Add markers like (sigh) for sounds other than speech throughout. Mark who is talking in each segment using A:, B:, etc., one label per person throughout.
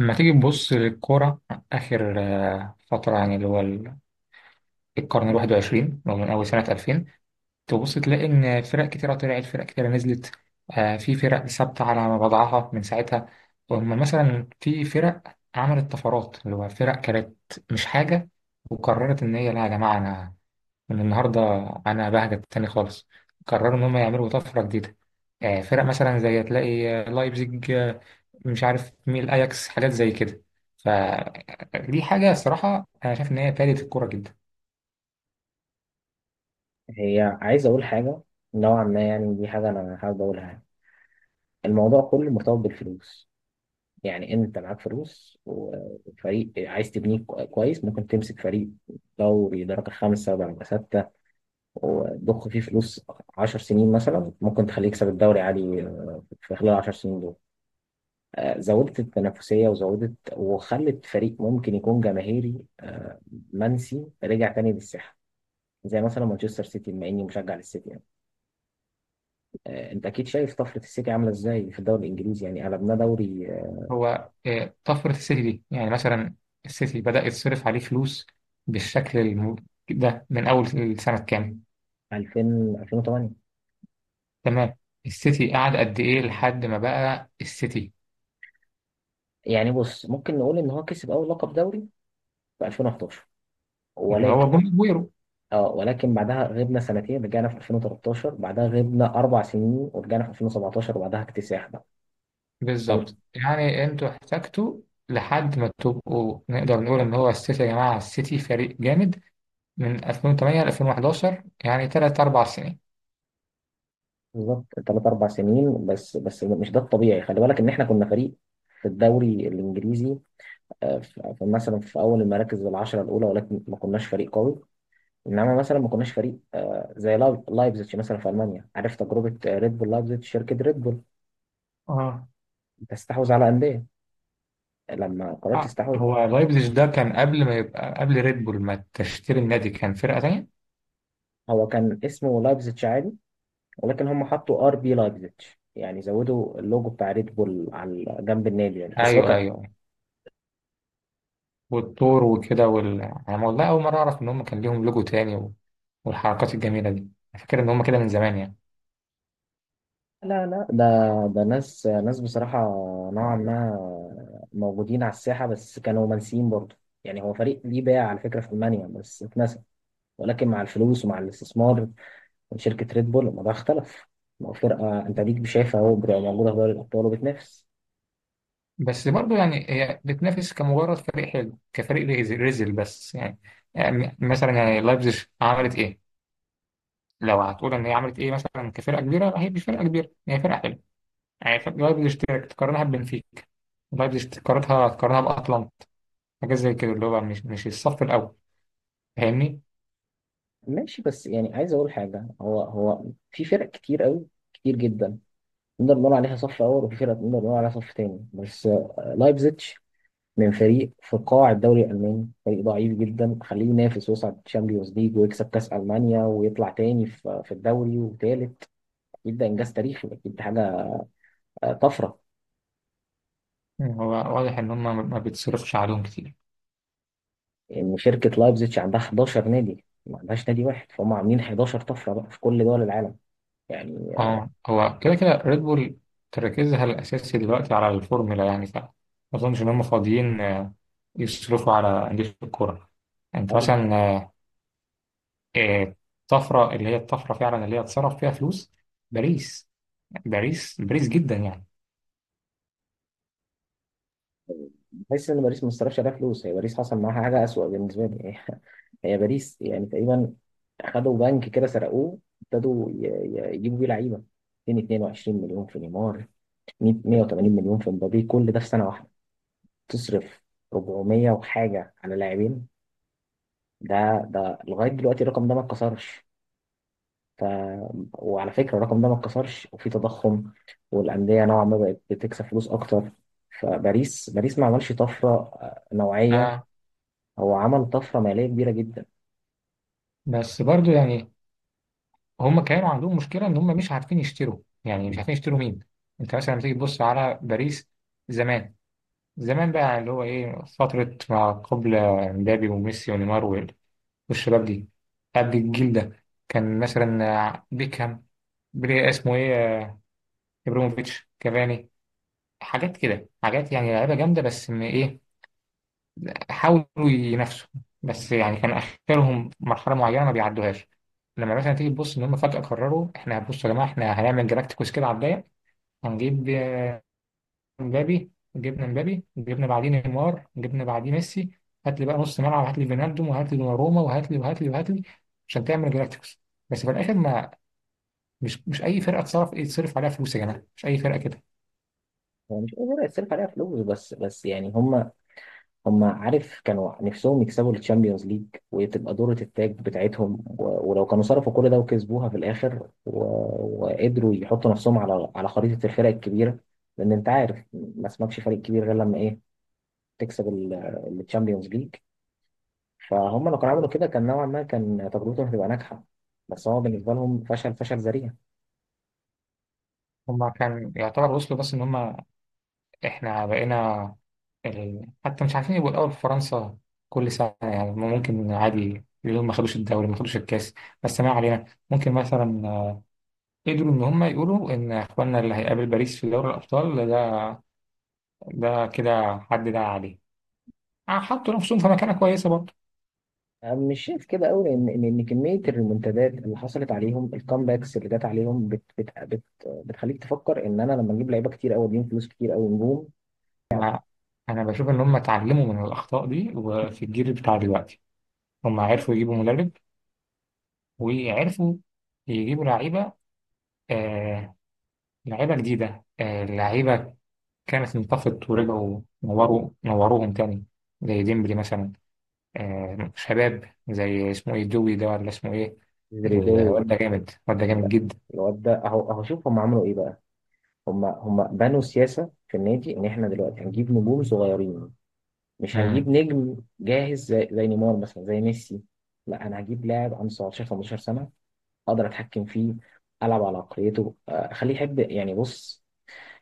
A: لما تيجي تبص للكورة آخر فترة يعني القرن الواحد وعشرين اللي هو من أول سنة ألفين. تبص تلاقي إن فرق كتيرة طلعت، فرق كتيرة نزلت. في فرق ثابتة على وضعها من ساعتها، وأما مثلا في فرق عملت طفرات اللي هو فرق كانت مش حاجة وقررت إن هي لا، يا جماعة أنا من النهارده انا بهجت تاني خالص، قرروا ان هم يعملوا طفره جديده. فرق مثلا زي تلاقي لايبزيج، مش عارف مين، الاياكس، حاجات زي كده. فدي حاجه الصراحه انا شايف ان هي فادت الكوره جدا.
B: عايز أقول حاجة، نوعا ما. يعني دي حاجة أنا حابب أقولها. الموضوع كله مرتبط بالفلوس. يعني أنت معاك فلوس وفريق عايز تبنيه كويس، ممكن تمسك فريق دوري درجة خمسة درجة ستة، وتضخ فيه فلوس عشر سنين مثلا. ممكن تخليه يكسب الدوري عادي، في خلال العشر سنين دول زودت التنافسية، وزودت وخلت فريق ممكن يكون جماهيري منسي رجع تاني للساحة، زي مثلا مانشستر سيتي، بما إني مشجع للسيتي يعني. انت اكيد شايف طفره السيتي عامله ازاي في الدوري الانجليزي، يعني قلبناه دوري.
A: هو طفره السيتي دي يعني مثلا السيتي بدا يتصرف عليه فلوس بالشكل الم- ده من اول السنه كام؟
B: 2000. 2008.
A: تمام. السيتي قعد قد ايه لحد ما بقى السيتي
B: يعني بص، ممكن نقول ان هو كسب اول لقب دوري في 2011.
A: اللي هو
B: ولكن
A: بوم.
B: اه، ولكن بعدها غبنا سنتين، رجعنا في 2013، بعدها غبنا اربع سنين، ورجعنا في 2017، وبعدها اكتساح بقى. فال-
A: بالظبط، يعني انتوا احتجتوا لحد ما تبقوا نقدر نقول ان هو السيتي يا جماعه السيتي فريق جامد من 2008 ل 2011، يعني ثلاث اربع سنين.
B: بالظبط ثلاث اربع سنين. بس بس مش ده الطبيعي، خلي بالك ان احنا كنا فريق في الدوري الانجليزي، مثلا في اول المراكز العشره الاولى، ولكن ما كناش فريق قوي. انما مثلا ما كناش فريق زي لايبزيتش مثلا في المانيا. عارف تجربه ريد بول لايبزيتش؟ شركه ريد بول
A: اه.
B: تستحوذ على انديه. لما قررت تستحوذ،
A: هو لايبزيج ده كان قبل ما يبقى قبل ريد بول ما تشتري النادي كان فرقه تانية.
B: هو كان اسمه لايبزيتش عادي، ولكن هم حطوا ار بي لايبزيتش، يعني زودوا اللوجو بتاع ريد بول على جنب النادي يعني، بس هو
A: ايوه
B: كان.
A: ايوه، والطور وكده وال... انا والله اول مره اعرف ان هم كان ليهم لوجو تاني و... والحركات الجميله دي. أنا فاكر ان هم كده من زمان يعني.
B: لا لا، ده ناس ناس بصراحه، نوعا ما موجودين على الساحه بس كانوا منسيين برضه. يعني هو فريق ليه باع على فكره في المانيا بس اتنسى، ولكن مع الفلوس ومع الاستثمار، شركة ريد بول، الموضوع اختلف. لو فرقة انت ليك شايفها اهو، بتبقى موجودة في دوري الأبطال وبتنافس.
A: بس برضه يعني هي بتنافس كمجرد فريق حلو، كفريق ريزل، بس يعني، يعني مثلا يعني لايبزيج عملت ايه؟ لو هتقول ان هي عملت ايه مثلا، كفرقه كبيره هي مش فرقه كبيره، هي فرقه حلوه. يعني فرقة لايبزيج تقارنها ببنفيكا، لايبزيج تقارنها باتلانتا، حاجات زي كده، اللي هو مش الصف الاول. فاهمني؟
B: ماشي، بس يعني عايز أقول حاجة. هو في فرق كتير قوي، كتير جدا، نقدر نقول عليها صف أول، وفي فرق نقدر نقول عليها صف تاني. بس لايبزيتش، من فريق في قاع الدوري الألماني، فريق ضعيف جدا، خليه ينافس ويصعد تشامبيونز ليج، ويكسب كأس ألمانيا، ويطلع تاني في الدوري، وتالت يبدأ إنجاز تاريخي، أكيد دي حاجة، طفرة.
A: هو واضح ان هم ما بيتصرفش عليهم كتير.
B: ان شركه لايبزيتش عندها 11 نادي، ما عندهاش نادي واحد، فهم عاملين 11 طفره بقى في كل دول العالم يعني.
A: اه هو كده كده ريد بول تركيزها الأساسي دلوقتي على الفورمولا، يعني ف ما أظنش إن هم فاضيين يصرفوا على أندية الكورة.
B: آه،
A: أنت مثلا آه، الطفرة اللي هي الطفرة فعلا اللي هي اتصرف فيها فلوس، باريس. باريس جدا يعني.
B: بحس ان باريس ما صرفش عليها فلوس، هي باريس حصل معاها حاجه اسوأ بالنسبه لي. (laughs) هي باريس يعني تقريبا اخدوا بنك كده سرقوه، ابتدوا يجيبوا بيه لعيبه، 222 مليون في نيمار، 100، 180 مليون في مبابي، كل ده في سنه واحده. تصرف 400 وحاجه على لاعبين. ده لغايه دلوقتي الرقم ده ما اتكسرش. وعلى فكرة الرقم ده ما اتكسرش، وفي تضخم، والأندية نوعا ما بقت بتكسب فلوس أكتر. فباريس، باريس ما عملش طفرة نوعية،
A: آه.
B: هو عمل طفرة مالية كبيرة جدا.
A: بس برضو يعني هم كانوا عندهم مشكلة إن هم مش عارفين يشتروا، يعني مش عارفين يشتروا مين. أنت مثلا لما تيجي تبص على باريس زمان، بقى اللي هو إيه، فترة ما قبل مبابي وميسي ونيمار والشباب دي. قبل الجيل ده كان مثلا بيكهام، بري اسمه ايه ابراهيموفيتش، كافاني، حاجات كده، حاجات يعني لعيبه جامده، بس ان ايه، حاولوا ينافسوا بس يعني كان اخرهم مرحله معينه ما بيعدوهاش. لما مثلا تيجي تبص ان هم فجاه قرروا احنا بصوا يا جماعه احنا هنعمل جلاكتيكوس كده على الضيق. هنجيب مبابي، جبنا مبابي جبنا بعدين نيمار جبنا بعدين ميسي، هات لي بقى نص ملعب، هات لي فينالدوم وهات لي دوناروما وهات لي عشان تعمل جلاكتيكوس. بس في الاخر ما، مش اي فرقه تصرف يتصرف عليها فلوس يا جماعه، مش اي فرقه كده.
B: هو مش قادر يصرف عليها فلوس. بس بس يعني هم، عارف، كانوا نفسهم يكسبوا الشامبيونز ليج، وتبقى دورة التاج بتاعتهم. ولو كانوا صرفوا كل ده وكسبوها في الآخر، وقدروا يحطوا نفسهم على خريطة الفرق الكبيرة. لأن أنت عارف، ما اسمكش فريق كبير غير لما إيه؟ تكسب الشامبيونز ليج. فهم لو كانوا عملوا كده، كان نوعا ما كان تجربتهم هتبقى ناجحه، بس هو بالنسبه لهم فشل، فشل ذريع.
A: هم كان يعتبر وصلوا، بس ان هم احنا بقينا ال... حتى مش عارفين يبقوا الاول في فرنسا كل سنه. يعني هم ممكن عادي اليوم ما خدوش الدوري ما خدوش الكاس بس ما علينا. ممكن مثلا قدروا ان هم يقولوا ان اخواننا اللي هيقابل باريس في دوري الابطال ده، ده كده حد ده عليه. حطوا نفسهم في مكانه كويسه برضه.
B: مش شايف كده قوي، لان ان إن كميه الريمونتادات اللي حصلت عليهم، الكامباكس اللي جت عليهم، بت بت بت بتخليك تفكر ان انا لما اجيب لعيبه كتير قوي، اديهم فلوس كتير قوي، نجوم.
A: ما، انا بشوف ان هم اتعلموا من الاخطاء دي، وفي الجيل بتاع دلوقتي هم عرفوا يجيبوا مدرب وعرفوا يجيبوا لعيبة، آه لعيبة جديدة، آه لعيبة كانت انطفت ورجعوا نوروا نوروهم تاني، زي ديمبلي مثلا، آه شباب زي اسمه ايه دوي ده، ولا اسمه ايه.
B: زريدوي
A: الواد ده جامد، الواد ده جامد
B: ده،
A: جدا.
B: الواد ده اهو اهو، شوف هم عملوا ايه بقى. هم بنوا سياسه في النادي، ان احنا دلوقتي هنجيب نجوم صغيرين، مش هنجيب
A: مم.
B: نجم جاهز زي نيمار مثلا، زي ميسي. لا، انا هجيب لاعب عنده 17، 15 سنه، اقدر اتحكم فيه، العب على عقليته، اخليه يحب. يعني بص،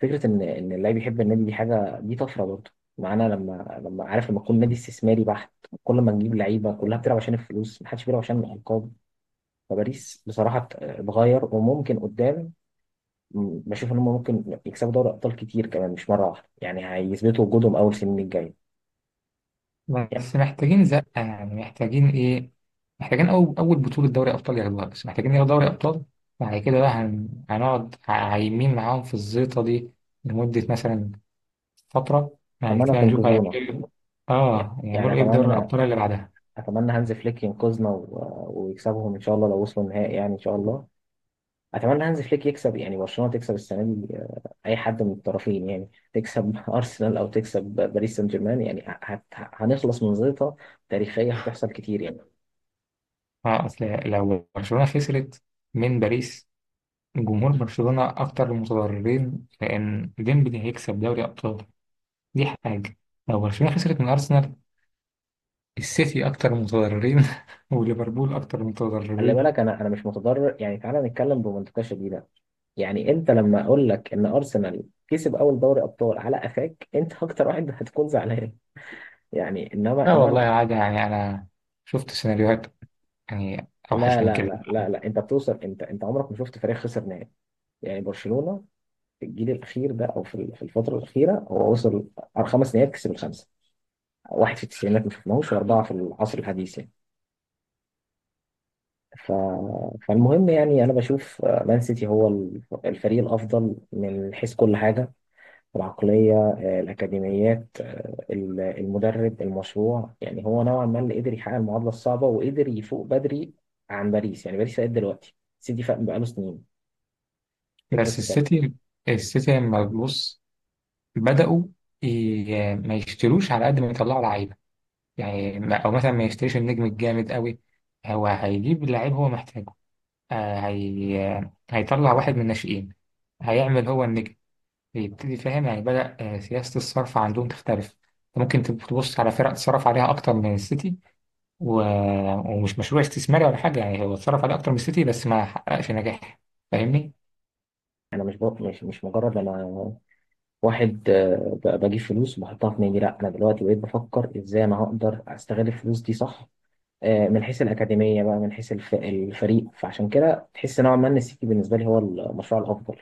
B: فكره ان اللاعب يحب النادي، دي حاجه، دي طفره برضه معانا. لما عارف، لما يكون نادي استثماري بحت، كل ما نجيب لعيبه كلها بتلعب عشان الفلوس، محدش بيلعب عشان الالقاب. فباريس بصراحه اتغير، وممكن قدام بشوف ان هم ممكن يكسبوا دوري ابطال كتير كمان، مش مره واحده يعني، هيثبتوا وجودهم اول سنين الجايه. يعني
A: بس محتاجين زقة، يعني محتاجين ايه، محتاجين أول، بطولة دوري أبطال ياخدوها، بس محتاجين ياخدوا دوري أبطال. بعد كده بقى هنقعد عايمين معاهم في الزيطة دي لمدة مثلا فترة يعني،
B: اتمنى
A: كده هنشوف هيعملوا
B: تنقذونا.
A: ايه.
B: يعني
A: اه
B: يعني
A: هيعملوا ايه في دوري
B: اتمنى،
A: الأبطال اللي بعدها.
B: اتمنى هانز فليك ينقذنا ويكسبهم ان شاء الله. لو وصلوا النهائي يعني، ان شاء الله. اتمنى هانز فليك يكسب، يعني برشلونه تكسب السنه دي. اي حد من الطرفين يعني، تكسب (laughs) ارسنال او تكسب باريس سان جيرمان، يعني هنخلص من زيطه تاريخيه هتحصل كتير يعني.
A: أصل لو برشلونة خسرت من باريس، جمهور برشلونة أكتر المتضررين، لأن ديمبلي هيكسب دوري أبطال، دي حاجة. لو برشلونة خسرت من أرسنال، السيتي أكتر المتضررين (laughs) وليفربول أكتر
B: خلي
A: المتضررين.
B: بالك، انا مش متضرر يعني. تعالى نتكلم بمنطقه شديده. يعني انت لما اقول لك ان ارسنال كسب اول دوري ابطال، على قفاك انت اكتر واحد هتكون زعلان يعني. انما
A: لا والله عادي، يعني أنا شفت سيناريوهات يعني أوحش
B: لا
A: من
B: لا
A: كده.
B: لا لا لا، انت بتوصل، انت عمرك ما شفت فريق خسر نهائي يعني. برشلونه في الجيل الاخير ده، او في في الفتره الاخيره، هو وصل على خمس نهائيات، كسب الخمسه. واحد في التسعينات ما شفناهوش، واربعه في العصر الحديث يعني. ف... فالمهم يعني، انا بشوف مان سيتي هو الفريق الافضل من حيث كل حاجه، العقليه، الاكاديميات، المدرب، المشروع. يعني هو نوعا ما اللي قدر يحقق المعادله الصعبه، وقدر يفوق بدري عن باريس. يعني باريس فاق دلوقتي، سيتي فاق بقاله سنين، فكره
A: بس
B: الصرف.
A: السيتي، لما تبص بدأوا ما يشتروش على قد ما يطلعوا لعيبة، يعني أو مثلا ما يشتريش النجم الجامد قوي، هو هيجيب لعيب هو محتاجه. آه، هي... هيطلع واحد من الناشئين هيعمل هو النجم، يبتدي فاهم يعني بدأ سياسة الصرف عندهم تختلف. ممكن تبص على فرق اتصرف عليها أكتر من السيتي و... ومش مشروع استثماري ولا حاجة، يعني هو اتصرف عليه أكتر من السيتي بس ما حققش نجاح. فاهمني؟
B: مش مجرد انا واحد بجيب فلوس وبحطها في نادي. لا، انا دلوقتي بقيت بفكر ازاي انا هقدر استغل الفلوس دي صح، من حيث الاكاديميه بقى، من حيث الفريق. فعشان كده تحس نوعا ما ان السيتي بالنسبه لي هو المشروع الافضل.